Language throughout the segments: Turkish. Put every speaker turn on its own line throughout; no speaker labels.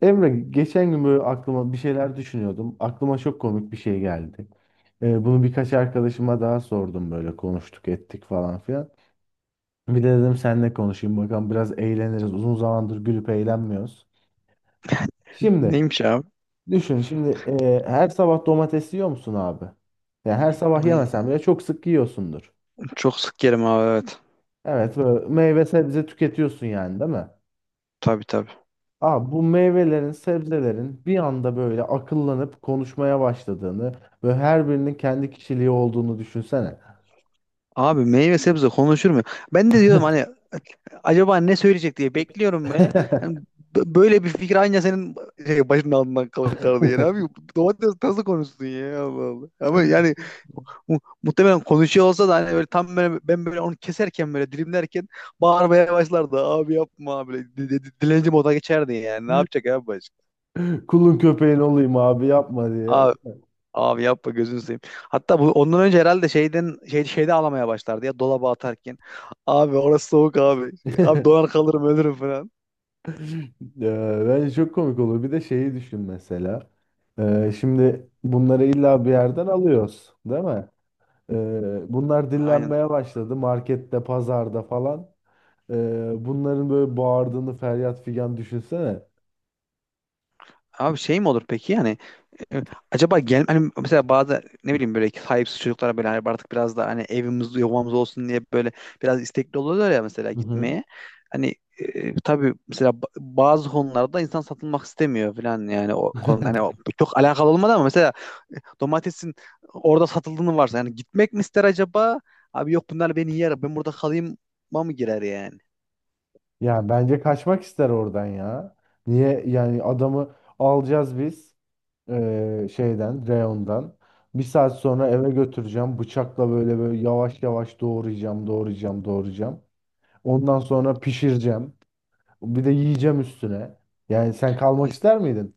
Emre geçen gün böyle aklıma bir şeyler düşünüyordum. Aklıma çok komik bir şey geldi. Bunu birkaç arkadaşıma daha sordum böyle konuştuk ettik falan filan. Bir de dedim seninle konuşayım bakalım biraz eğleniriz. Uzun zamandır gülüp eğlenmiyoruz. Şimdi
Neymiş abi?
düşün şimdi her sabah domates yiyor musun abi? Yani her sabah
Ay,
yemesen bile çok sık yiyorsundur.
çok sık yerim abi, evet.
Evet böyle meyve sebze tüketiyorsun yani değil mi?
Tabii tabii.
Aa, bu meyvelerin, sebzelerin bir anda böyle akıllanıp konuşmaya başladığını ve her birinin kendi kişiliği olduğunu düşünsene.
Abi meyve sebze konuşur mu? Ben de diyorum, hani acaba ne söyleyecek diye bekliyorum ve hani böyle bir fikir aynı senin şey, başının altından kaldı yani abi. Domates nasıl konuşsun ya, Allah Allah. Ama yani muhtemelen konuşuyor olsa da, hani böyle tam böyle ben böyle onu keserken, böyle dilimlerken bağırmaya başlardı. Abi yapma abi, böyle dilenci moda geçerdi yani, ne yapacak abi başka.
Kulun köpeğin olayım abi yapma diye.
Abi yapma, gözünü seveyim. Hatta bu ondan önce herhalde şeyden şey şeyde ağlamaya başlardı ya, dolaba atarken. Abi orası soğuk abi. Abi donar kalırım, ölürüm falan.
Bence çok komik olur. Bir de şeyi düşün mesela. Şimdi bunları illa bir yerden alıyoruz, değil mi? Bunlar
Aynen.
dillenmeye başladı markette, pazarda falan. Bunların böyle bağırdığını feryat figan düşünsene.
Abi şey mi olur peki yani, e, acaba gel hani mesela bazı ne bileyim böyle sahipsiz çocuklara böyle, hani artık biraz da hani evimiz yuvamız olsun diye böyle biraz istekli oluyorlar ya mesela
Hı hı.
gitmeye. Hani tabii mesela bazı konularda insan satılmak istemiyor falan yani, o konu hani o, çok alakalı olmadı ama mesela domatesin orada satıldığını varsa yani, gitmek mi ister acaba? Abi yok, bunlar beni yer. Ben burada kalayım mı girer yani?
Ya bence kaçmak ister oradan ya. Niye yani adamı alacağız biz şeyden reyondan. Bir saat sonra eve götüreceğim. Bıçakla böyle böyle yavaş yavaş doğrayacağım, doğrayacağım, doğrayacağım. Ondan sonra pişireceğim. Bir de yiyeceğim üstüne. Yani sen kalmak
Hani-
ister miydin?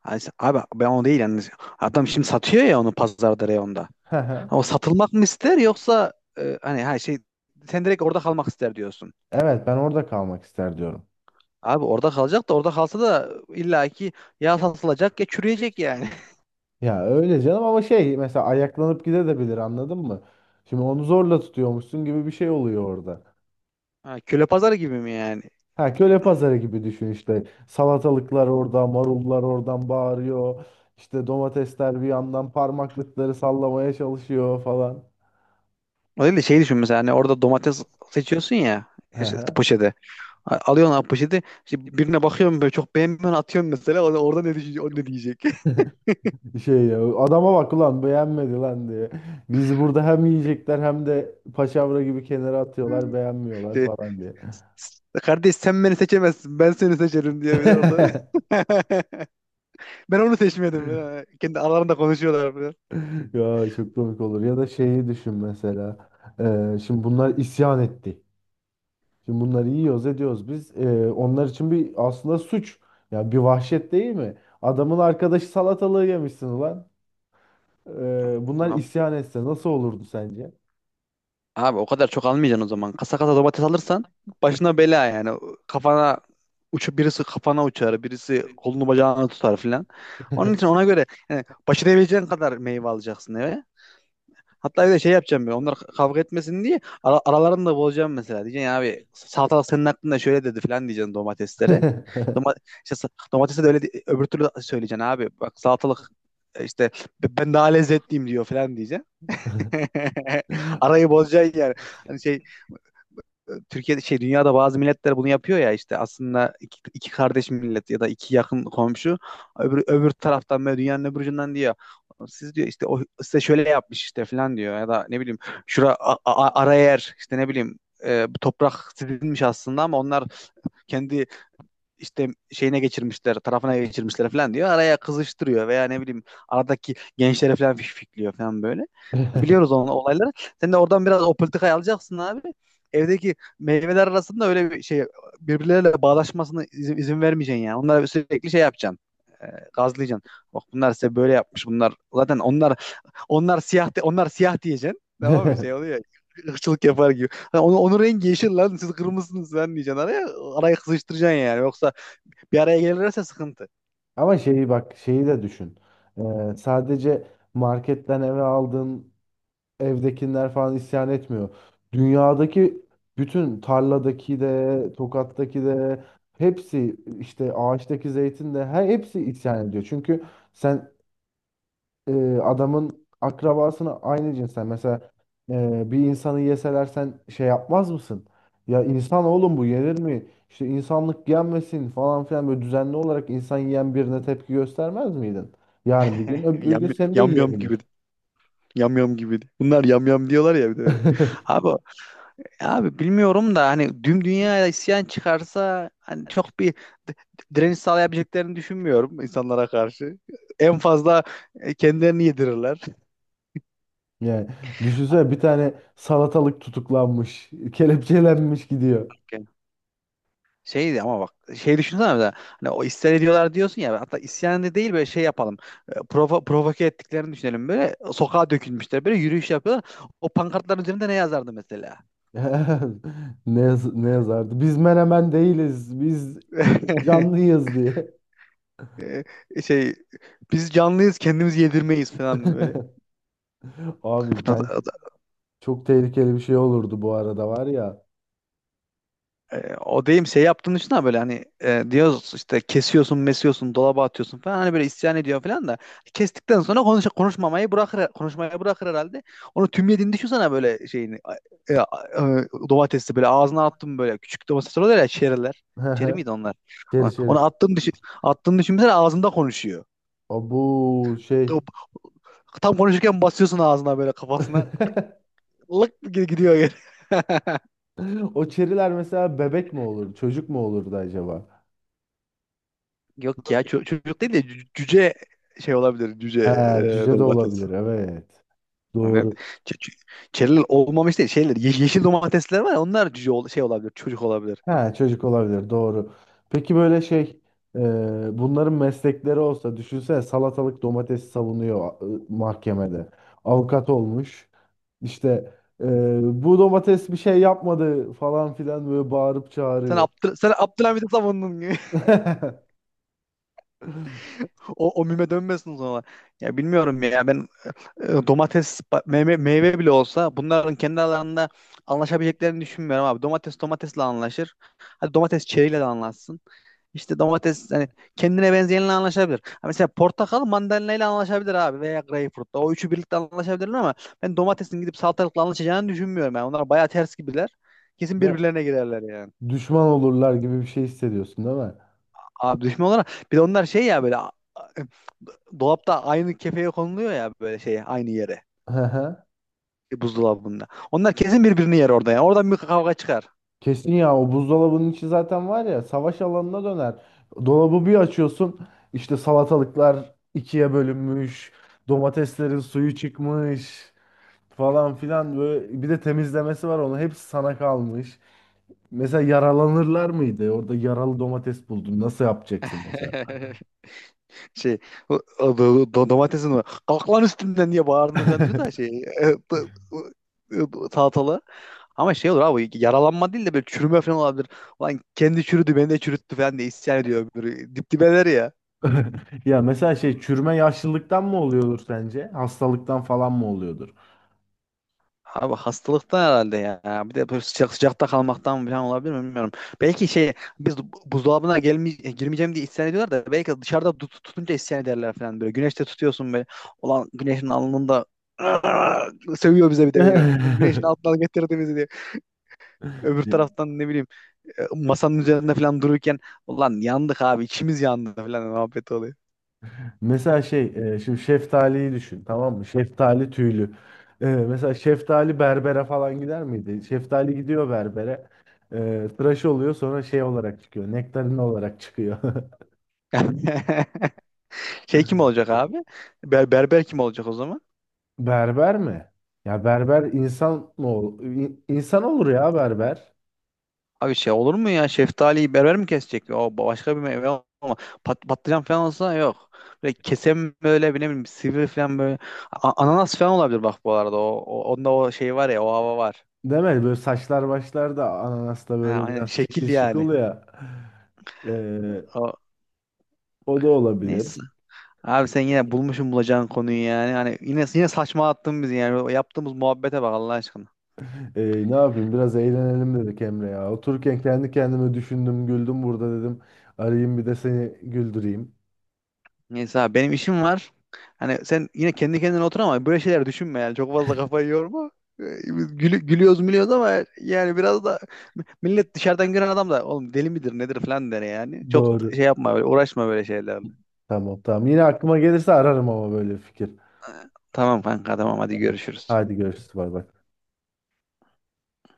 Abi ben o değil yani. Adam şimdi satıyor ya onu pazarda reyonda. Ama satılmak mı ister yoksa hani her şey, sen direkt orada kalmak ister diyorsun.
Evet ben orada kalmak ister diyorum.
Abi orada kalacak da, orada kalsa da illaki ya
Ya
satılacak ya
buraya
çürüyecek yani.
girdi. Ya öyle canım ama şey mesela ayaklanıp gidebilir anladın mı? Şimdi onu zorla tutuyormuşsun gibi bir şey oluyor orada.
Ha, köle pazarı gibi mi yani?
Ha köle pazarı gibi düşün işte. Salatalıklar orada, marullar oradan bağırıyor. İşte domatesler bir yandan parmaklıkları sallamaya çalışıyor falan.
O değil de şey düşün mesela, hani orada domates seçiyorsun ya,
Hı
işte
hı.
poşete. Alıyorsun abi poşeti. İşte birine bakıyorum, böyle çok beğenmiyorsun, atıyorsun mesela. O da orada ne düşünecek? O ne diyecek?
Şey ya adama bak ulan beğenmedi lan diye. Biz burada hem yiyecekler hem de paçavra gibi kenara atıyorlar beğenmiyorlar
Şey,
falan diye.
Kardeş sen beni seçemezsin. Ben seni seçerim" diye bir de orada. Ben onu seçmedim. Ha, kendi aralarında konuşuyorlar falan.
Ya çok komik olur. Ya da şeyi düşün mesela. Şimdi bunlar isyan etti. Şimdi bunları yiyoruz ediyoruz biz. Onlar için bir aslında suç. Ya bir vahşet değil mi? Adamın arkadaşı salatalığı yemişsin ulan. Bunlar
Abi,
isyan etse nasıl olurdu sence?
o kadar çok almayacaksın o zaman. Kasa kasa domates alırsan başına bela yani. Kafana uçup, birisi kafana uçar, birisi kolunu bacağını tutar filan. Onun için ona göre yani, başarabileceğin kadar meyve alacaksın eve. Hatta bir de şey yapacağım ben, onlar kavga etmesin diye aralarını da bozacağım mesela. Diyeceksin ya, abi salatalık senin hakkında şöyle dedi falan diyeceksin domateslere. Doma, işte, domatese de öyle di, öbür türlü söyleyeceksin abi. Bak salatalık işte Ben daha lezzetliyim" diyor falan diyeceksin. Arayı bozacaksın yani. Hani şey, Türkiye'de şey dünyada bazı milletler bunu yapıyor ya, işte aslında iki, iki kardeş millet ya da iki yakın komşu, öbür taraftan böyle, dünyanın öbür ucundan diyor, siz diyor işte o size şöyle yapmış işte falan diyor, ya da ne bileyim şura ara yer işte ne bileyim bu toprak sizinmiş aslında ama onlar kendi işte şeyine geçirmişler, tarafına geçirmişler falan diyor. Araya kızıştırıyor veya ne bileyim, aradaki gençlere falan fişfikliyor falan böyle. Biliyoruz onun olayları. Sen de oradan biraz o politikayı alacaksın abi. Evdeki meyveler arasında öyle bir şey, birbirleriyle bağdaşmasını izin vermeyeceksin yani. Onlara sürekli şey yapacaksın. E, gazlayacaksın. Bak bunlar size böyle yapmış. Bunlar zaten onlar siyah diyeceksin. Tamam mı? Şey oluyor, ırkçılık yapar gibi. Ha, onun rengi yeşil lan, siz kırmızısınız lan diyeceksin araya. Arayı kızıştıracaksın yani. Yoksa bir araya gelirlerse sıkıntı.
Ama şeyi bak şeyi de düşün. Sadece marketten eve aldığın evdekiler falan isyan etmiyor. Dünyadaki bütün tarladaki de tokattaki de hepsi işte ağaçtaki zeytin de her hepsi isyan ediyor. Çünkü sen adamın akrabasını aynı cinsten mesela bir insanı yeseler sen şey yapmaz mısın? Ya insan oğlum bu yenir mi? İşte insanlık yenmesin falan filan böyle düzenli olarak insan yiyen birine tepki göstermez miydin? Yani bir gün öbür
Yam
gün seni de
yam yam gibi.
yiyebilir.
Yam yam gibi. Bunlar yam yam diyorlar ya, bir de öyle. Abi abi bilmiyorum da, hani tüm dünyaya isyan çıkarsa hani çok bir d- direniş sağlayabileceklerini düşünmüyorum insanlara karşı. En fazla kendilerini yedirirler.
Yani düşünsene bir tane salatalık tutuklanmış, kelepçelenmiş gidiyor.
Yani şeydi ama bak, şey düşünsene mesela, hani o isyan ediyorlar diyorsun ya, hatta isyan da değil, böyle şey yapalım, provoke ettiklerini düşünelim. Böyle sokağa dökülmüşler, böyle yürüyüş yapıyorlar, o pankartların üzerinde ne yazardı mesela?
Ne, ne yazardı? Biz menemen değiliz, biz canlıyız diye.
Şey, biz canlıyız, kendimiz yedirmeyiz falan böyle.
Abi
O,
ben
da- o, da-
çok tehlikeli bir şey olurdu bu arada var ya.
O deyim şey yaptığın için, ha böyle hani diyoruz işte kesiyorsun, mesiyorsun, dolaba atıyorsun falan, hani böyle isyan ediyor falan da, kestikten sonra konuşmayı bırakır herhalde. Onu tüm yediğini düşünsene böyle şeyini, e, e, domatesi böyle ağzına attım, böyle küçük domatesler oluyor ya, çeriler. Çeri miydi onlar?
Çeri çeri.
Onu attığını düşün, attığını düşünsene, ağzında konuşuyor.
O bu şey.
Tam konuşurken basıyorsun ağzına, böyle kafasına. Lık gidiyor geri.
O çeriler mesela bebek mi olur, çocuk mu olurdu acaba?
Yok ya, çocuk değil de, cüce şey olabilir. Cüce
Ha, cüce de
domates.
olabilir. Evet.
Evet.
Doğru.
Ç- ç- Çeriler olmamış değil. Şeyler, yeşil domatesler var ya, onlar cüce şey olabilir. Çocuk olabilir.
Ha, çocuk olabilir. Doğru. Peki böyle şey, e, bunların meslekleri olsa düşünsene salatalık domates savunuyor mahkemede. Avukat olmuş. İşte e, bu domates bir şey yapmadı falan filan böyle bağırıp
Sen
çağırıyor.
Abdül sen Abdülhamid'i savundun gibi. O, mime dönmesin sonra. Ya bilmiyorum ya, ben meyve bile olsa bunların kendi alanında anlaşabileceklerini düşünmüyorum abi. Domates domatesle anlaşır. Hadi domates çeriyle de anlaşsın. İşte domates hani kendine benzeyenle anlaşabilir. Ha mesela portakal mandalinayla anlaşabilir abi, veya greyfurtla. O üçü birlikte anlaşabilirler ama ben domatesin gidip salatalıkla anlaşacağını düşünmüyorum yani. Onlar bayağı ters gibiler. Kesin
De,
birbirlerine girerler yani.
düşman olurlar gibi bir şey hissediyorsun değil mi?
Abi düşman olarak, bir de onlar şey ya, böyle dolapta aynı kefeye konuluyor ya, böyle şey aynı yere,
Hı hı.
buzdolabında. Onlar kesin birbirini yer orada ya. Oradan bir kavga çıkar.
Kesin ya o buzdolabının içi zaten var ya savaş alanına döner. Dolabı bir açıyorsun işte salatalıklar ikiye bölünmüş, domateslerin suyu çıkmış falan filan böyle bir de temizlemesi var onu hepsi sana kalmış. Mesela yaralanırlar mıydı? Orada yaralı domates buldun. Nasıl yapacaksın mesela?
Şey, domatesin var. "Kalk lan üstümden" diye bağırdığını falan diyor da, şey, e, do- salatalı. Ama şey olur abi, yaralanma değil de böyle çürüme falan olabilir. Ulan kendi çürüdü, beni de çürüttü falan diye isyan ediyor öbürü. Dip dibeler ya.
Ya mesela şey çürüme yaşlılıktan mı oluyordur sence? Hastalıktan falan mı oluyordur?
Abi hastalıktan herhalde ya. Bir de böyle sıcak sıcakta kalmaktan falan olabilir mi, bilmiyorum. Belki şey, biz buzdolabına girmeyeceğim diye isyan ediyorlar da, belki dışarıda tutunca isyan ederler falan böyle. Güneşte tutuyorsun böyle. Ulan güneşin alnında seviyor bize bir de. Güneşin altından getirdi bizi diye. Öbür taraftan ne bileyim masanın üzerinde falan dururken, ulan yandık abi, içimiz yandı falan muhabbet oluyor.
Mesela şey, şimdi şeftaliyi düşün, tamam mı? Şeftali tüylü. E, mesela şeftali berbere falan gider miydi? Şeftali gidiyor berbere. E, tıraş oluyor sonra şey olarak çıkıyor. Nektarin olarak çıkıyor.
Şey kim olacak abi? Berber kim olacak o zaman?
Berber mi? Ya berber insan mı insan olur ya berber.
Abi şey olur mu ya? Şeftaliyi berber mi kesecek? O başka bir meyve ama patlıcan falan olsa yok. Böyle kesen böyle bir ne bileyim sivri falan böyle. Ananas falan olabilir bak bu arada. O, onda o şey var ya, o hava var.
Değil mi? Böyle saçlar başlar da ananasta
Ha,
böyle
aynen
biraz şekil
şekil yani.
şukul ya. E,
O,
o da olabilir.
neyse. Abi sen yine bulmuşsun bulacağın konuyu yani. Hani yine yine saçma attın bizi yani. O yaptığımız muhabbete bak, Allah aşkına.
Ee, Ne yapayım biraz eğlenelim dedik Emre ya. Otururken kendi kendime düşündüm, güldüm burada dedim. Arayayım bir de seni güldüreyim.
Neyse abi, benim işim var. Hani sen yine kendi kendine otur, ama böyle şeyler düşünme yani. Çok fazla kafayı yorma. Ee, biz gülüyoruz gülüyoruz ama, yani biraz da millet, dışarıdan gören adam da oğlum deli midir nedir falan der yani. Çok
Doğru.
şey yapma, böyle uğraşma böyle şeylerle.
Tamam tamam. Yine aklıma gelirse ararım ama böyle bir fikir.
Tamam kanka, tamam, hadi
Tamam.
görüşürüz.
Hadi görüşürüz. Bay bay.